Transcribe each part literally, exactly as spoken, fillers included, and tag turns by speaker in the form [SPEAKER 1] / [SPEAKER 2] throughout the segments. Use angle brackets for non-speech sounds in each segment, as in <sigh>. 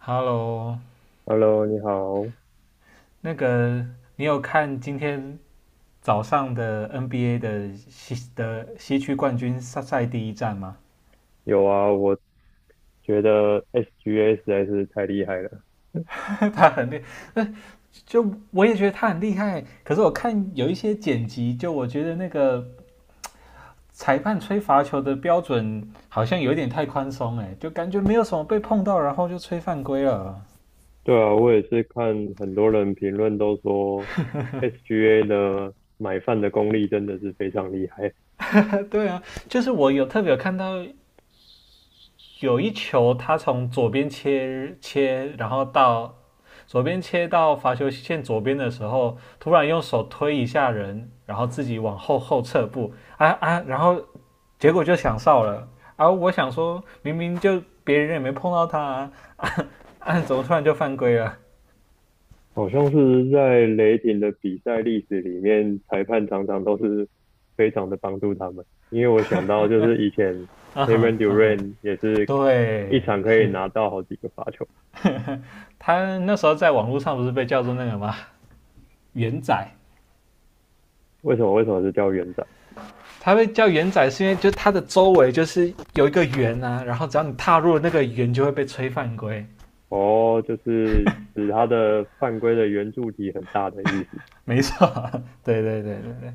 [SPEAKER 1] Hello，
[SPEAKER 2] Hello，你好。
[SPEAKER 1] 那个你有看今天早上的 N B A 的西的西区冠军赛赛第一战吗？
[SPEAKER 2] 有啊，我觉得 S G A 实在是太厉害了。
[SPEAKER 1] <laughs> 他很厉，就我也觉得他很厉害。可是我看有一些剪辑，就我觉得那个裁判吹罚球的标准好像有点太宽松，哎，就感觉没有什么被碰到，然后就吹犯规了。
[SPEAKER 2] 对啊，我也是看很多人评论都说 S G A 的买饭的功力真的是非常厉害。
[SPEAKER 1] <laughs> 对啊，就是我有特别有看到有一球他从左边切切，然后到左边切到罚球线左边的时候，突然用手推一下人，然后自己往后后撤步，啊啊，然后结果就想哨了。而我想说，明明就别人也没碰到他啊，<laughs> 啊，啊怎么突然就犯规了？
[SPEAKER 2] 好像是在雷霆的比赛历史里面，裁判常常都是非常的帮助他们。因为我想到就是以前
[SPEAKER 1] 啊哈
[SPEAKER 2] Kevin
[SPEAKER 1] 啊哈，
[SPEAKER 2] Durant 也是一
[SPEAKER 1] 对，
[SPEAKER 2] 场可以拿到好几个罚球。
[SPEAKER 1] <laughs> 他那时候在网络上不是被叫做那个吗？元仔，
[SPEAKER 2] 为什么？为什么是叫长？
[SPEAKER 1] 它会叫圆仔，是因为就它的周围就是有一个圆啊，然后只要你踏入那个圆，就会被吹犯规。
[SPEAKER 2] 哦，就是指他的犯规的圆柱体很大的意思。
[SPEAKER 1] 没错，对对对对对，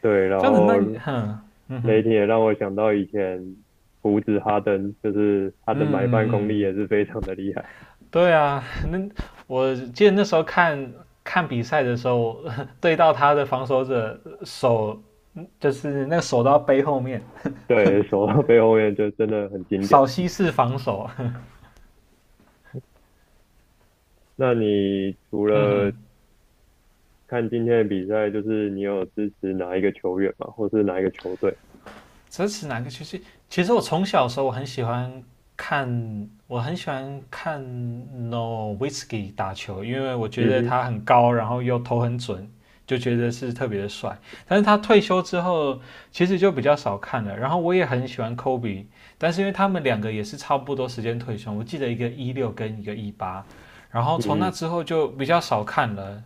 [SPEAKER 2] 对，然
[SPEAKER 1] 这样子，
[SPEAKER 2] 后
[SPEAKER 1] 那你哼嗯
[SPEAKER 2] 雷
[SPEAKER 1] 哼，
[SPEAKER 2] 霆也让我想到以前胡子哈登，就是他
[SPEAKER 1] 嗯
[SPEAKER 2] 的买办功力
[SPEAKER 1] 嗯，
[SPEAKER 2] 也是非常的厉害。
[SPEAKER 1] 对啊，那我记得那时候看看比赛的时候，<laughs> 对到他的防守者手，就是那个手到背后面，
[SPEAKER 2] 对，守到背后面就真的很经典。
[SPEAKER 1] 扫西式防守。
[SPEAKER 2] 那你除
[SPEAKER 1] <laughs> 嗯
[SPEAKER 2] 了
[SPEAKER 1] 哼，
[SPEAKER 2] 看今天的比赛，就是你有支持哪一个球员吗？或是哪一个球队？
[SPEAKER 1] 这是哪个其实其实我从小的时候我很喜欢看，我很喜欢看 n o w i t k i 打球，因为我觉
[SPEAKER 2] 嗯
[SPEAKER 1] 得
[SPEAKER 2] 哼，
[SPEAKER 1] 他很高，然后又投很准，就觉得是特别的帅。但是他退休之后，其实就比较少看了。然后我也很喜欢 Kobe，但是因为他们两个也是差不多时间退休，我记得一个一六跟一个一八，然后
[SPEAKER 2] 嗯
[SPEAKER 1] 从那
[SPEAKER 2] 哼，
[SPEAKER 1] 之后就比较少看了。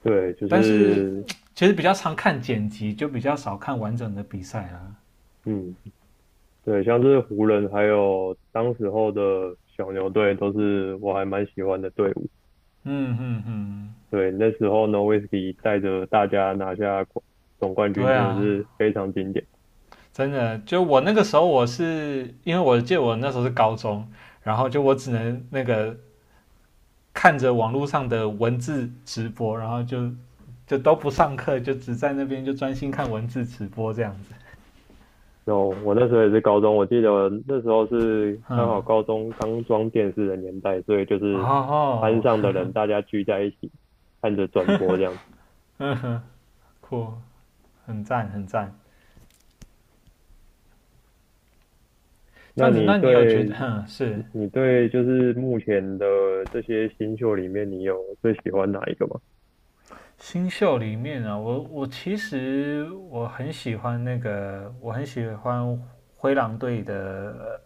[SPEAKER 2] 对，就
[SPEAKER 1] 但是
[SPEAKER 2] 是
[SPEAKER 1] 其实比较常看剪辑，就比较少看完整的比赛啦。
[SPEAKER 2] 嗯。对，像是湖人还有当时候的小牛队，都是我还蛮喜欢的队伍。
[SPEAKER 1] 嗯嗯嗯，嗯，
[SPEAKER 2] 对，那时候呢，威 w 忌带着大家拿下总冠军，
[SPEAKER 1] 对
[SPEAKER 2] 真的
[SPEAKER 1] 啊，
[SPEAKER 2] 是非常经典。
[SPEAKER 1] 真的，就我那个时候，我是因为我记得我那时候是高中，然后就我只能那个看着网络上的文字直播，然后就就都不上课，就只在那边就专心看文字直播这样子。
[SPEAKER 2] 然后我那时候也是高中，我记得那时候是刚好
[SPEAKER 1] 嗯，
[SPEAKER 2] 高中刚装电视的年代，所以就
[SPEAKER 1] 哦，
[SPEAKER 2] 是班
[SPEAKER 1] 哦，
[SPEAKER 2] 上的人大家聚在一起看着转播这样。
[SPEAKER 1] 酷，很赞很赞。这
[SPEAKER 2] 那
[SPEAKER 1] 样子，
[SPEAKER 2] 你
[SPEAKER 1] 那你有觉
[SPEAKER 2] 对
[SPEAKER 1] 得，哼，是
[SPEAKER 2] 你对就是目前的这些新秀里面，你有最喜欢哪一个吗？
[SPEAKER 1] 新秀里面啊，我我其实我很喜欢那个，我很喜欢灰狼队的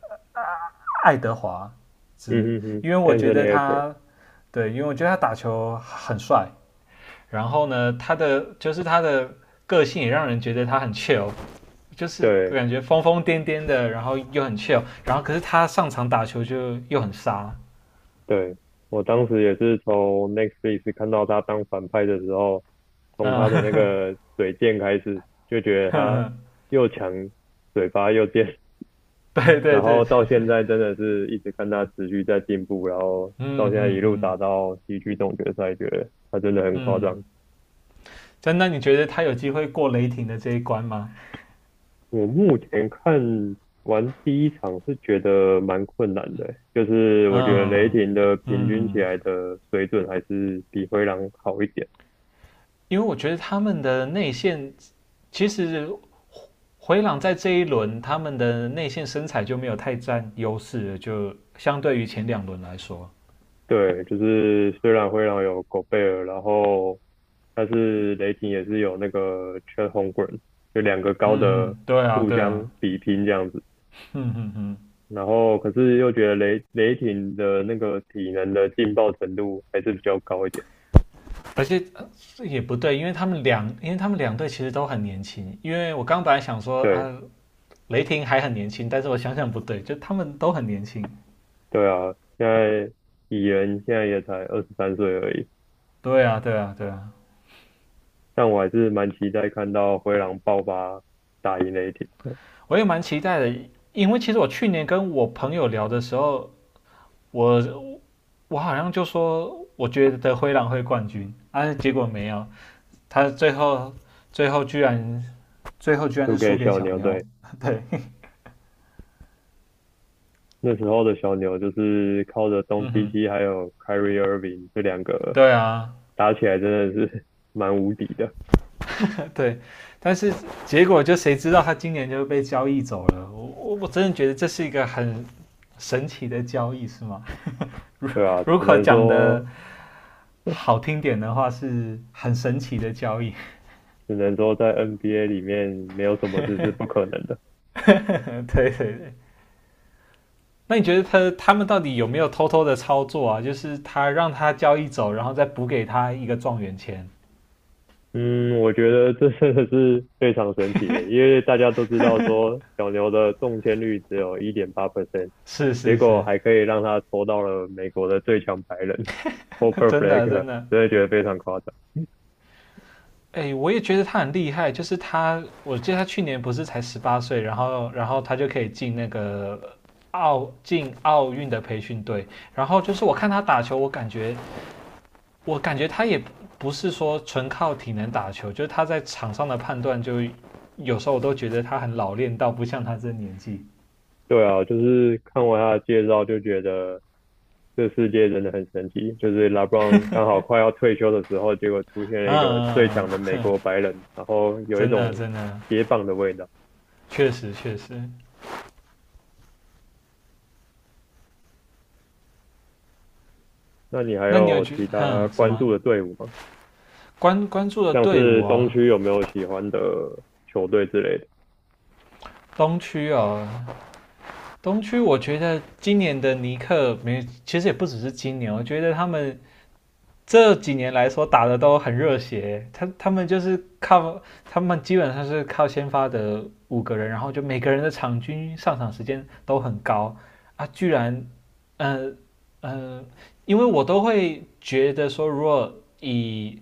[SPEAKER 1] 爱德华兹，
[SPEAKER 2] 嗯哼哼
[SPEAKER 1] 因为我觉得
[SPEAKER 2] ，Anthony Edwards。
[SPEAKER 1] 他对，因为我觉得他打球很帅，然后呢，他的就是他的个性也让人觉得他很 chill，就是
[SPEAKER 2] 对。
[SPEAKER 1] 感觉疯疯癫癫的，然后又很 chill，然后可是他上场打球就又很杀，
[SPEAKER 2] 对，我当时也是从 Netflix 看到他当反派的时候，从他的那
[SPEAKER 1] 嗯，
[SPEAKER 2] 个嘴贱开始，就觉得
[SPEAKER 1] <laughs> 呵
[SPEAKER 2] 他
[SPEAKER 1] 呵，
[SPEAKER 2] 又强，嘴巴又贱。
[SPEAKER 1] 对
[SPEAKER 2] <laughs>
[SPEAKER 1] 对
[SPEAKER 2] 然
[SPEAKER 1] 对，
[SPEAKER 2] 后到现在真的是一直看他持续在进步，然后到
[SPEAKER 1] 嗯
[SPEAKER 2] 现在一
[SPEAKER 1] 嗯
[SPEAKER 2] 路
[SPEAKER 1] 嗯
[SPEAKER 2] 打到西区总决赛，觉得他真的很夸
[SPEAKER 1] 嗯，
[SPEAKER 2] 张。
[SPEAKER 1] 真的，你觉得他有机会过雷霆的这一关吗？
[SPEAKER 2] 我目前看完第一场是觉得蛮困难的欸，就是我觉得雷
[SPEAKER 1] 嗯
[SPEAKER 2] 霆的平均起
[SPEAKER 1] 嗯，
[SPEAKER 2] 来的水准还是比灰狼好一点。
[SPEAKER 1] 因为我觉得他们的内线其实回朗在这一轮他们的内线身材就没有太占优势了，就相对于前两轮来说。
[SPEAKER 2] 对，就是虽然灰狼有狗贝尔，然后但是雷霆也是有那个 Chet h o， 就两个高
[SPEAKER 1] 嗯
[SPEAKER 2] 的
[SPEAKER 1] 哼，对啊，
[SPEAKER 2] 互
[SPEAKER 1] 对啊，
[SPEAKER 2] 相比拼这样子。
[SPEAKER 1] 嗯哼哼，
[SPEAKER 2] 然后可是又觉得雷雷霆的那个体能的劲爆程度还是比较高一点。
[SPEAKER 1] 而且呃也不对，因为他们两，因为他们两队其实都很年轻。因为我刚本来想说啊，
[SPEAKER 2] 对
[SPEAKER 1] 雷霆还很年轻，但是我想想不对，就他们都很年轻。
[SPEAKER 2] 对啊，现在蚁人现在也才二十三岁而已，
[SPEAKER 1] 对啊，对啊，对啊，
[SPEAKER 2] 但我还是蛮期待看到灰狼爆发打赢雷霆的，
[SPEAKER 1] 我也蛮期待的，因为其实我去年跟我朋友聊的时候，我我好像就说我觉得灰狼会冠军，啊，结果没有，他最后最后居然最后居然
[SPEAKER 2] 输
[SPEAKER 1] 是
[SPEAKER 2] 给
[SPEAKER 1] 输给
[SPEAKER 2] 小
[SPEAKER 1] 小
[SPEAKER 2] 牛
[SPEAKER 1] 妞，
[SPEAKER 2] 队。
[SPEAKER 1] <laughs> 对，
[SPEAKER 2] 那时候的小牛就是靠着东
[SPEAKER 1] 嗯
[SPEAKER 2] 契
[SPEAKER 1] 哼，
[SPEAKER 2] 奇还有 Kyrie Irving 这两个
[SPEAKER 1] 对啊，
[SPEAKER 2] 打起来真的是 <laughs> 蛮无敌的。
[SPEAKER 1] 对，但是结果就谁知道他今年就被交易走了，我我真的觉得这是一个很神奇的交易，是吗？
[SPEAKER 2] 对啊，
[SPEAKER 1] 如
[SPEAKER 2] 只
[SPEAKER 1] 果
[SPEAKER 2] 能
[SPEAKER 1] 讲的
[SPEAKER 2] 说
[SPEAKER 1] 好听点的话，是很神奇的交易，
[SPEAKER 2] 只能说在 N B A 里面没有什么事是不可能的。
[SPEAKER 1] <laughs> 对对对。那你觉得他他们到底有没有偷偷的操作啊？就是他让他交易走，然后再补给他一个状元签？
[SPEAKER 2] 嗯，我觉得这真的是非常神奇耶，因为大家都知道说小牛的中签率只有百分之一点八 percent，
[SPEAKER 1] 是
[SPEAKER 2] 结
[SPEAKER 1] 是
[SPEAKER 2] 果
[SPEAKER 1] 是，
[SPEAKER 2] 还可以让他抽到了美国的最强白人。 <laughs>
[SPEAKER 1] <laughs>
[SPEAKER 2] Cooper f
[SPEAKER 1] 真
[SPEAKER 2] l a
[SPEAKER 1] 的
[SPEAKER 2] k e
[SPEAKER 1] 真的。
[SPEAKER 2] 真的觉得非常夸张。
[SPEAKER 1] 哎，我也觉得他很厉害，就是他，我记得他去年不是才十八岁，然后然后他就可以进那个奥进奥运的培训队，然后就是我看他打球，我感觉我感觉他也不是说纯靠体能打球，就是他在场上的判断就有时候我都觉得他很老练到不像他这年纪，
[SPEAKER 2] 对啊，就是看完他的介绍就觉得这世界真的很神奇，就是 LeBron 刚好快要退休的时候，结果出现了
[SPEAKER 1] 嗯
[SPEAKER 2] 一个
[SPEAKER 1] 嗯，
[SPEAKER 2] 最
[SPEAKER 1] 嗯
[SPEAKER 2] 强的
[SPEAKER 1] 嗯，
[SPEAKER 2] 美国白人，然后有一
[SPEAKER 1] 真的
[SPEAKER 2] 种
[SPEAKER 1] 真的，
[SPEAKER 2] 接棒的味道。
[SPEAKER 1] 确实确实。
[SPEAKER 2] 那你还
[SPEAKER 1] 那你有
[SPEAKER 2] 有
[SPEAKER 1] 觉得
[SPEAKER 2] 其他
[SPEAKER 1] 哼什
[SPEAKER 2] 关注
[SPEAKER 1] 么
[SPEAKER 2] 的队伍吗？
[SPEAKER 1] 关关注的
[SPEAKER 2] 像
[SPEAKER 1] 队
[SPEAKER 2] 是
[SPEAKER 1] 伍
[SPEAKER 2] 东
[SPEAKER 1] 啊？
[SPEAKER 2] 区有没有喜欢的球队之类的？
[SPEAKER 1] 东区哦，东区，我觉得今年的尼克没，其实也不只是今年哦，我觉得他们这几年来说打的都很热血。他他们就是靠他们基本上是靠先发的五个人，然后就每个人的场均上场时间都很高啊，居然，呃呃，因为我都会觉得说，如果以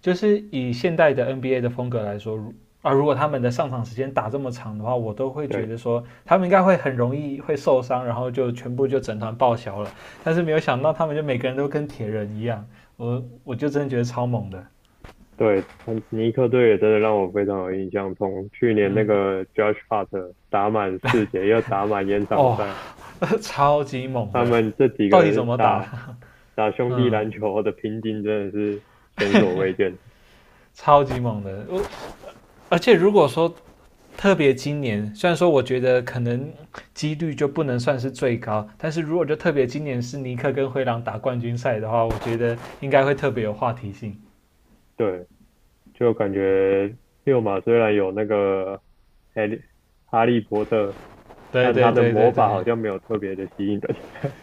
[SPEAKER 1] 就是以现代的 N B A 的风格来说，如啊，如果他们的上场时间打这么长的话，我都会觉
[SPEAKER 2] 对，
[SPEAKER 1] 得说他们应该会很容易会受伤，然后就全部就整团报销了。但是没有想到他们就每个人都跟铁人一样，我我就真的觉得超猛的，
[SPEAKER 2] 对，嗯，尼克队也真的让我非常有印象。从去年那
[SPEAKER 1] 嗯，
[SPEAKER 2] 个 Josh Hart 打满四节，又打满延长
[SPEAKER 1] 哦，
[SPEAKER 2] 赛，
[SPEAKER 1] <laughs> 超级猛
[SPEAKER 2] 他
[SPEAKER 1] 的，
[SPEAKER 2] 们这几
[SPEAKER 1] 到底
[SPEAKER 2] 个
[SPEAKER 1] 怎么
[SPEAKER 2] 打
[SPEAKER 1] 打？
[SPEAKER 2] 打兄弟
[SPEAKER 1] 嗯，
[SPEAKER 2] 篮球的拼劲真的是前所未见。
[SPEAKER 1] 超级猛的。我而且如果说特别今年，虽然说我觉得可能几率就不能算是最高，但是如果就特别今年是尼克跟灰狼打冠军赛的话，我觉得应该会特别有话题性。
[SPEAKER 2] 对，就感觉六马虽然有那个哈利哈利波特，
[SPEAKER 1] 对
[SPEAKER 2] 但他
[SPEAKER 1] 对
[SPEAKER 2] 的
[SPEAKER 1] 对对
[SPEAKER 2] 魔
[SPEAKER 1] 对，
[SPEAKER 2] 法好像没有特别的吸引人。<laughs>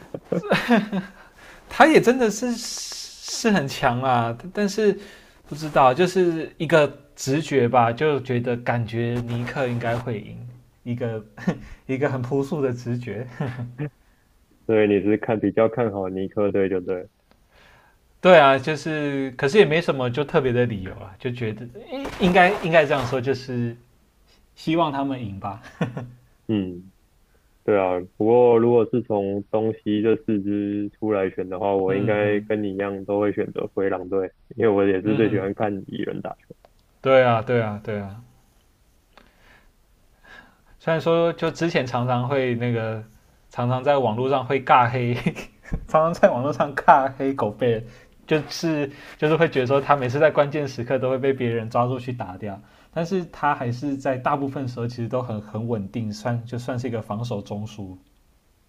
[SPEAKER 1] 他也真的是是很强啊，但是不知道就是一个直觉吧，就觉得感觉尼克应该会赢，一个一个很朴素的直觉。
[SPEAKER 2] 所以你是看比较看好尼克队对不对了
[SPEAKER 1] 对啊，就是可是也没什么就特别的理由啊，就觉得应应该应该这样说，就是希望他们赢吧。
[SPEAKER 2] 嗯，对啊。不过如果是从东西这四支出来选的话，我应
[SPEAKER 1] 嗯
[SPEAKER 2] 该
[SPEAKER 1] 嗯
[SPEAKER 2] 跟你一样都会选择灰狼队，因为我也是
[SPEAKER 1] 嗯
[SPEAKER 2] 最喜
[SPEAKER 1] 哼，
[SPEAKER 2] 欢看蚁人打球。
[SPEAKER 1] 对啊，对啊，对啊。虽然说就之前常常会那个，常常在网络上会尬黑，<laughs> 常常在网络上尬黑狗贝尔，就是就是会觉得说他每次在关键时刻都会被别人抓住去打掉，但是他还是在大部分时候其实都很很稳定，算就算是一个防守中枢。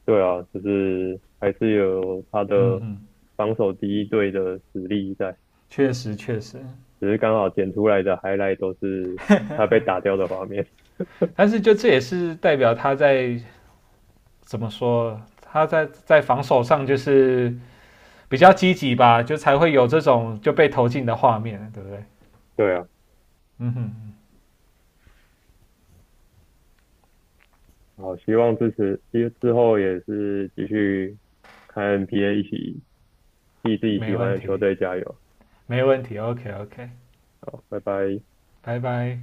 [SPEAKER 2] 对啊，就是还是有他
[SPEAKER 1] 嗯
[SPEAKER 2] 的
[SPEAKER 1] 哼，
[SPEAKER 2] 防守第一队的实力在。
[SPEAKER 1] 确实确实，
[SPEAKER 2] 只是刚好剪出来的 highlight 都是他被打掉的画面。
[SPEAKER 1] 但是就这也是代表他在怎么说，他在在防守上就是比较积极吧，就才会有这种就被投进的画面，对不对？
[SPEAKER 2] <laughs> 对啊，
[SPEAKER 1] 嗯哼，
[SPEAKER 2] 好，希望支持，之之后也是继续看 N B A，一起替自己
[SPEAKER 1] 没
[SPEAKER 2] 喜欢
[SPEAKER 1] 问
[SPEAKER 2] 的球
[SPEAKER 1] 题，
[SPEAKER 2] 队加油。
[SPEAKER 1] 没问题，OK OK，
[SPEAKER 2] 好，拜拜。
[SPEAKER 1] 拜拜。